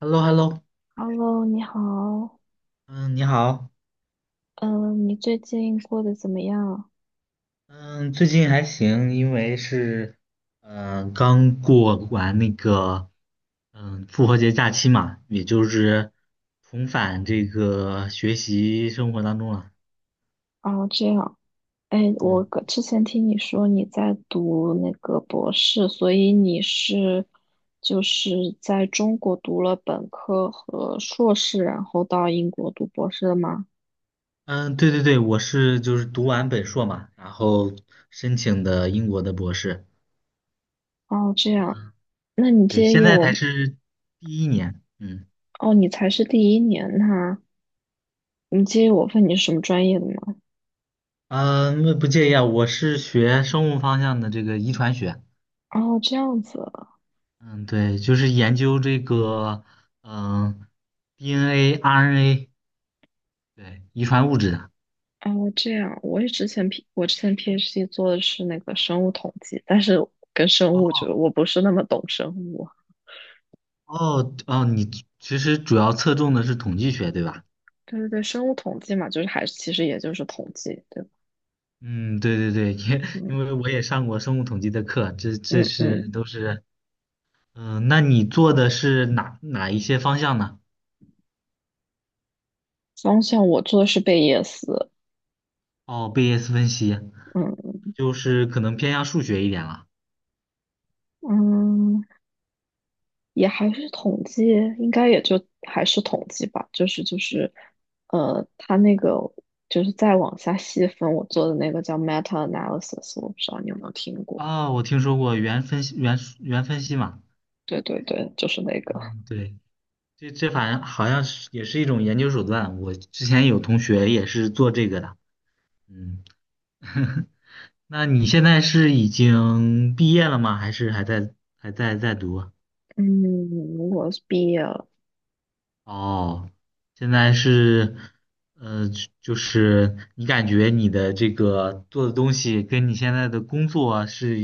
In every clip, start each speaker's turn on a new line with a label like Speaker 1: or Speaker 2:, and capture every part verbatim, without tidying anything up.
Speaker 1: h e l l o h e l l o
Speaker 2: Hello，你好，
Speaker 1: 嗯，你好。
Speaker 2: 嗯，你最近过得怎么样？
Speaker 1: 嗯，最近还行，因为是，嗯、刚过完那个，嗯，复活节假期嘛，也就是重返这个学习生活当中了。
Speaker 2: 哦，这样，哎，我
Speaker 1: 嗯
Speaker 2: 个之前听你说你在读那个博士，所以你是就是在中国读了本科和硕士，然后到英国读博士的吗？
Speaker 1: 嗯，对对对，我是就是读完本硕嘛，然后申请的英国的博士，
Speaker 2: 哦，这样，那你
Speaker 1: 对，
Speaker 2: 介
Speaker 1: 现
Speaker 2: 意
Speaker 1: 在才
Speaker 2: 我？
Speaker 1: 是第一年。嗯
Speaker 2: 哦，你才是第一年呐，你介意我问你是什么专业的吗？
Speaker 1: 嗯，呃不介意啊，我是学生物方向的这个遗传学。
Speaker 2: 哦，这样子，
Speaker 1: 嗯，对，就是研究这个，嗯、D N A、R N A，对，遗传物质的。
Speaker 2: 哦，这样，我也之前 P 我之前 PhD 做的是那个生物统计，但是跟生物
Speaker 1: 哦
Speaker 2: 就我不是那么懂生物。
Speaker 1: 哦哦，你其实主要侧重的是统计学，对吧？
Speaker 2: 对对对，生物统计嘛，就是还是其实也就是统计，对吧？
Speaker 1: 嗯，对对对，因
Speaker 2: 嗯
Speaker 1: 因为我也上过生物统计的课，这这
Speaker 2: 嗯
Speaker 1: 是
Speaker 2: 嗯，
Speaker 1: 都是，嗯、那你做的是哪哪一些方向呢？
Speaker 2: 方向我做的是贝叶斯，
Speaker 1: 哦，贝叶斯分析，
Speaker 2: 嗯
Speaker 1: 就是可能偏向数学一点了。
Speaker 2: 嗯，也还是统计，应该也就还是统计吧，就是就是，呃，它那个就是再往下细分，我做的那个叫 meta analysis，我不知道你有没有听过。
Speaker 1: 啊、我听说过原分析原原分析嘛。
Speaker 2: 对对对，就是那个。
Speaker 1: 嗯，对。这这反正好像是也是一种研究手段，我之前有同学也是做这个的。嗯，那你现在是已经毕业了吗？还是还在还在在读啊？
Speaker 2: 嗯，如果是毕业了，
Speaker 1: 哦，现在是，呃，就就是你感觉你的这个做的东西跟你现在的工作是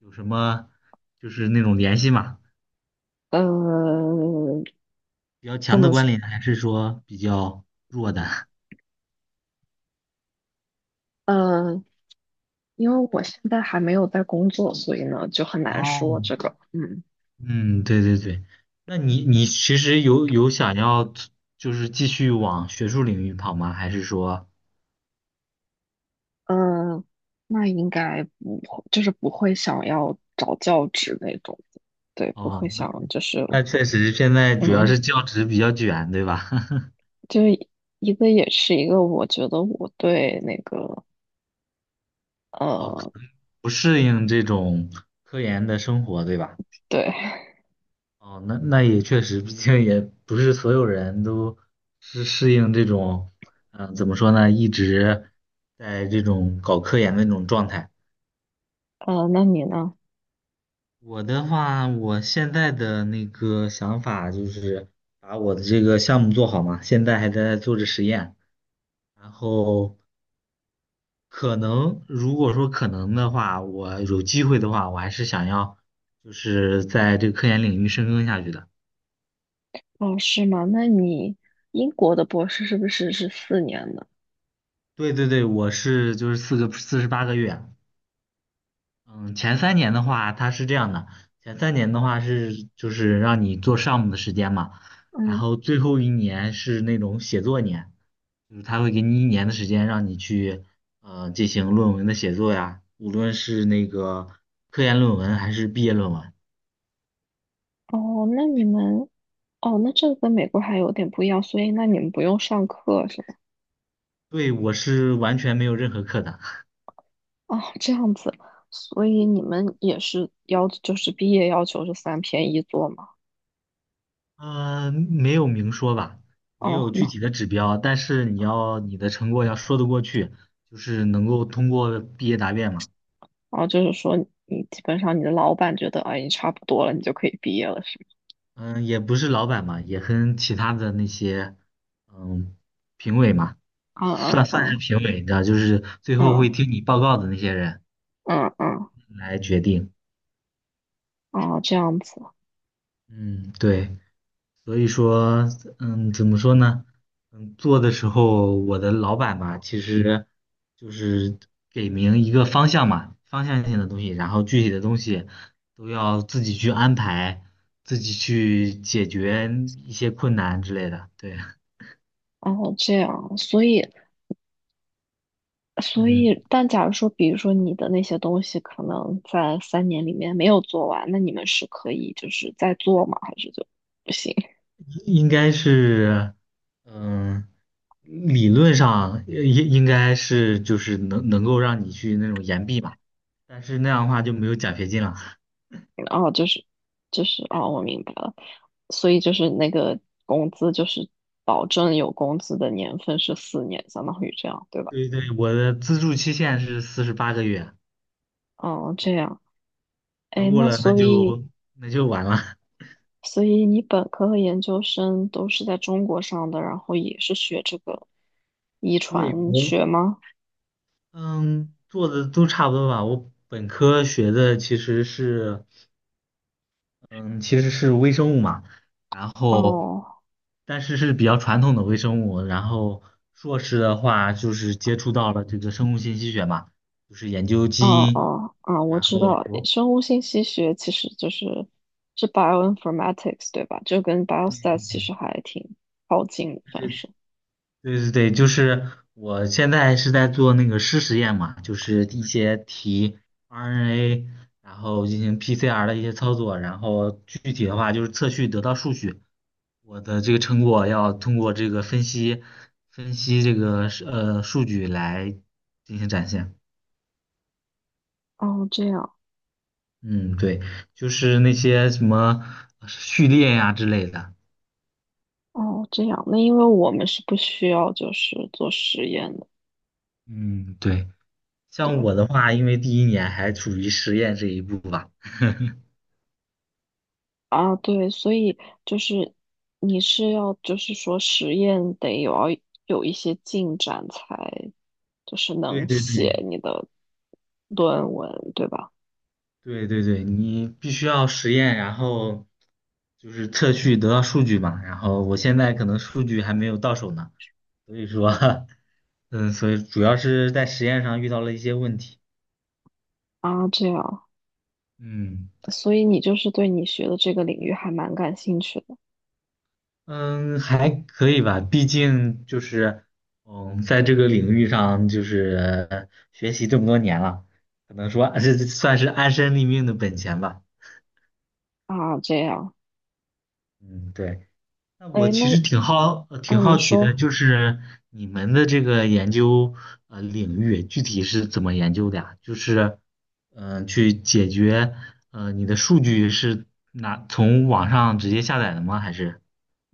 Speaker 1: 有什么就是那种联系吗？
Speaker 2: 呃，
Speaker 1: 比较
Speaker 2: 这
Speaker 1: 强的
Speaker 2: 么说，
Speaker 1: 关联，还是说比较弱的？
Speaker 2: 呃，因为我现在还没有在工作，所以呢就很 难说
Speaker 1: 哦，
Speaker 2: 这个，嗯，
Speaker 1: 嗯，对对对，那你你其实有有想要就是继续往学术领域跑吗？还是说，
Speaker 2: 呃，那应该不会，就是不会想要找教职那种的对，不
Speaker 1: 哦，
Speaker 2: 会
Speaker 1: 那
Speaker 2: 想就是，
Speaker 1: 那确实现在主要
Speaker 2: 嗯，
Speaker 1: 是教职比较卷，对吧？
Speaker 2: 就是一个也是一个，我觉得我对那个，
Speaker 1: 哦，可
Speaker 2: 呃，
Speaker 1: 能不适应这种科研的生活，对吧？
Speaker 2: 对，
Speaker 1: 哦，那那也确实，毕竟也不是所有人都是适应这种，嗯、怎么说呢，一直在这种搞科研的那种状态。
Speaker 2: 呃，那你呢？
Speaker 1: 我的话，我现在的那个想法就是把我的这个项目做好嘛，现在还在做着实验，然后可能如果说可能的话，我有机会的话，我还是想要就是在这个科研领域深耕下去的。
Speaker 2: 哦，是吗？那你英国的博士是不是是四年的？
Speaker 1: 对对对，我是就是四个四十八个月，嗯，前三年的话，它是这样的，前三年的话是就是让你做项目的时间嘛，然
Speaker 2: 嗯。
Speaker 1: 后最后一年是那种写作年。就是他会给你一年的时间，让你去呃进行论文的写作呀，无论是那个科研论文还是毕业论文。
Speaker 2: 哦，那你们，哦，那这个跟美国还有点不一样，所以那你们不用上课是吗？
Speaker 1: 对，我是完全没有任何课的，
Speaker 2: 哦，这样子，所以你们也是要，就是毕业要求是三篇一作吗？
Speaker 1: 呃，没有明说吧，没
Speaker 2: 哦，
Speaker 1: 有具
Speaker 2: 那
Speaker 1: 体的指标，但是你要你的成果要说得过去，就是能够通过毕业答辩嘛。
Speaker 2: 哦，就是说你基本上你的老板觉得，哎，你差不多了，你就可以毕业了，是
Speaker 1: 嗯，也不是老板嘛，也跟其他的那些嗯评委嘛，
Speaker 2: 吗？
Speaker 1: 算
Speaker 2: 嗯
Speaker 1: 算
Speaker 2: 嗯
Speaker 1: 是评委，你知道，就是最后会
Speaker 2: 嗯
Speaker 1: 听你报告的那些人
Speaker 2: 嗯嗯嗯，
Speaker 1: 来决定。
Speaker 2: 嗯哦，这样子，
Speaker 1: 嗯，对，所以说，嗯，怎么说呢？嗯，做的时候，我的老板吧，其实就是给明一个方向嘛，方向性的东西，然后具体的东西都要自己去安排，自己去解决一些困难之类的。对，
Speaker 2: 哦，这样，所以所
Speaker 1: 嗯，
Speaker 2: 以，但假如说，比如说你的那些东西可能在三年里面没有做完，那你们是可以就是再做吗？还是就不行？
Speaker 1: 应该是，嗯，理论上应应该是就是能能够让你去那种延毕嘛，但是那样的话就没有奖学金了。
Speaker 2: 哦，就是就是哦，我明白了。所以就是那个工资就是保证有工资的年份是四年，相当于这样，对吧？
Speaker 1: 对对，我的资助期限是四十八个月，
Speaker 2: 哦，这样。
Speaker 1: 超
Speaker 2: 哎，
Speaker 1: 过
Speaker 2: 那
Speaker 1: 了那
Speaker 2: 所以
Speaker 1: 就那就完了。
Speaker 2: 所以你本科和研究生都是在中国上的，然后也是学这个遗
Speaker 1: 对，
Speaker 2: 传
Speaker 1: 我
Speaker 2: 学吗？
Speaker 1: 嗯做的都差不多吧。我本科学的其实是嗯其实是微生物嘛，然后
Speaker 2: 哦。
Speaker 1: 但是是比较传统的微生物，然后硕士的话就是接触到了这个生物信息学嘛，就是研究基
Speaker 2: 哦
Speaker 1: 因，
Speaker 2: 哦啊，我
Speaker 1: 然
Speaker 2: 知
Speaker 1: 后
Speaker 2: 道，
Speaker 1: 博。
Speaker 2: 生物信息学其实就是是 bioinformatics 对吧？就跟 b i o s t a t 其实还挺靠近的，算是。
Speaker 1: 对对对，就是我现在是在做那个湿实验嘛，就是一些题 R N A，然后进行 P C R 的一些操作，然后具体的话就是测序得到数据，我的这个成果要通过这个分析分析这个是呃数据来进行展现。
Speaker 2: 哦，这样，
Speaker 1: 嗯，对，就是那些什么序列呀之类的。
Speaker 2: 哦，这样，那因为我们是不需要就是做实验的，
Speaker 1: 嗯，对，像
Speaker 2: 对
Speaker 1: 我的话，因为第一年还处于实验这一步吧。
Speaker 2: 啊，对，所以就是你是要就是说实验得有要有一些进展才就是
Speaker 1: 对
Speaker 2: 能
Speaker 1: 对对，
Speaker 2: 写你的论文，对吧？
Speaker 1: 对对对，你必须要实验，然后就是测序得到数据嘛。然后我现在可能数据还没有到手呢，所以说，嗯，所以主要是在实验上遇到了一些问题。
Speaker 2: 啊，这样。
Speaker 1: 嗯
Speaker 2: 所以你就是对你学的这个领域还蛮感兴趣的
Speaker 1: 嗯，还可以吧，毕竟就是嗯，在这个领域上就是呃学习这么多年了，可能说这算是安身立命的本钱吧。
Speaker 2: 啊，这样，
Speaker 1: 嗯，对。那我
Speaker 2: 哎，
Speaker 1: 其实
Speaker 2: 那
Speaker 1: 挺好，呃
Speaker 2: 啊，
Speaker 1: 挺
Speaker 2: 你
Speaker 1: 好奇的，
Speaker 2: 说，
Speaker 1: 就是你们的这个研究呃领域具体是怎么研究的呀？就是，嗯、去解决呃你的数据是拿从网上直接下载的吗？还是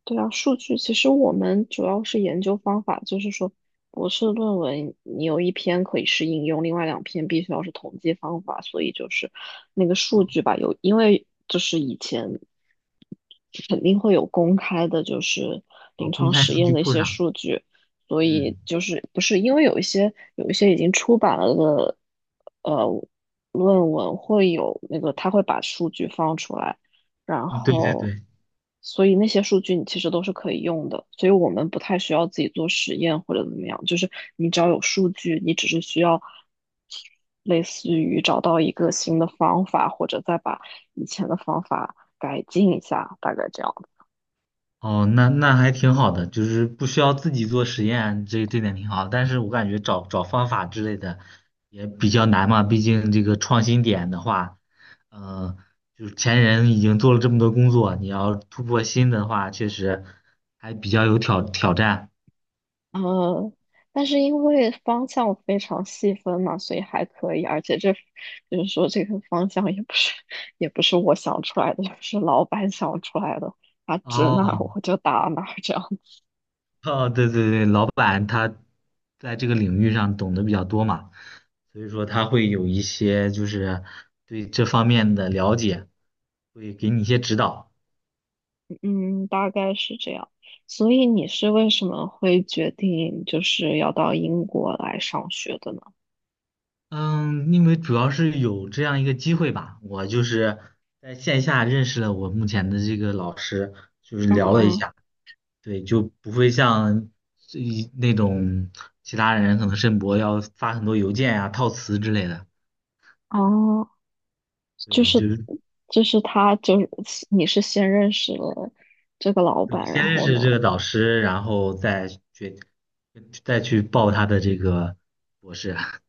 Speaker 2: 对啊，数据，其实我们主要是研究方法，就是说博士论文你有一篇可以是应用，另外两篇必须要是统计方法，所以就是那个数据吧，有，因为就是以前肯定会有公开的，就是
Speaker 1: 啊、
Speaker 2: 临
Speaker 1: 公
Speaker 2: 床
Speaker 1: 开
Speaker 2: 实
Speaker 1: 数
Speaker 2: 验
Speaker 1: 据
Speaker 2: 的一
Speaker 1: 库
Speaker 2: 些
Speaker 1: 上？
Speaker 2: 数据，所
Speaker 1: 嗯，
Speaker 2: 以就是不是因为有一些有一些已经出版了的呃论文会有那个，他会把数据放出来，然
Speaker 1: 嗯，对对
Speaker 2: 后
Speaker 1: 对。
Speaker 2: 所以那些数据你其实都是可以用的，所以我们不太需要自己做实验或者怎么样，就是你只要有数据，你只是需要。类似于找到一个新的方法，或者再把以前的方法改进一下，大概这样。
Speaker 1: 哦，那那还挺好的，就是不需要自己做实验，这这点挺好。但是我感觉找找方法之类的也比较难嘛，毕竟这个创新点的话，呃，就是前人已经做了这么多工作，你要突破新的话，确实还比较有挑挑战。
Speaker 2: 嗯，但是因为方向非常细分嘛，所以还可以。而且这就是说，这个方向也不是也不是我想出来的，也不是老板想出来的，他指
Speaker 1: 哦
Speaker 2: 哪儿我就打哪儿这样。
Speaker 1: 哦，对对对，老板他在这个领域上懂得比较多嘛，所以说他会有一些就是对这方面的了解，会给你一些指导。
Speaker 2: 嗯，大概是这样。所以你是为什么会决定就是要到英国来上学的呢？
Speaker 1: 嗯，因为主要是有这样一个机会吧，我就是在线下认识了我目前的这个老师，就是
Speaker 2: 嗯
Speaker 1: 聊了一
Speaker 2: 嗯，
Speaker 1: 下，对，就不会像这一那种其他人可能申博要发很多邮件呀、套词之类的，
Speaker 2: 哦，就
Speaker 1: 对，
Speaker 2: 是
Speaker 1: 就是
Speaker 2: 就是他就是你是先认识了这个老
Speaker 1: 对
Speaker 2: 板，
Speaker 1: 先
Speaker 2: 然
Speaker 1: 认
Speaker 2: 后
Speaker 1: 识
Speaker 2: 呢，
Speaker 1: 这个导师，然后再决再去报他的这个博士啊，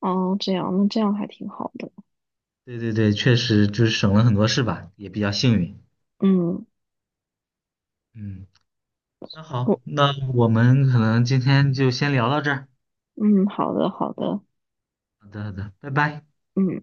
Speaker 2: 哦，这样，那这样还挺好的。
Speaker 1: 对对对，确实就是省了很多事吧，也比较幸运，
Speaker 2: 嗯，
Speaker 1: 嗯。那好，
Speaker 2: 我，
Speaker 1: 那我们可能今天就先聊到这儿。
Speaker 2: 嗯，好的，好的，
Speaker 1: 好的，好的，拜拜。
Speaker 2: 嗯。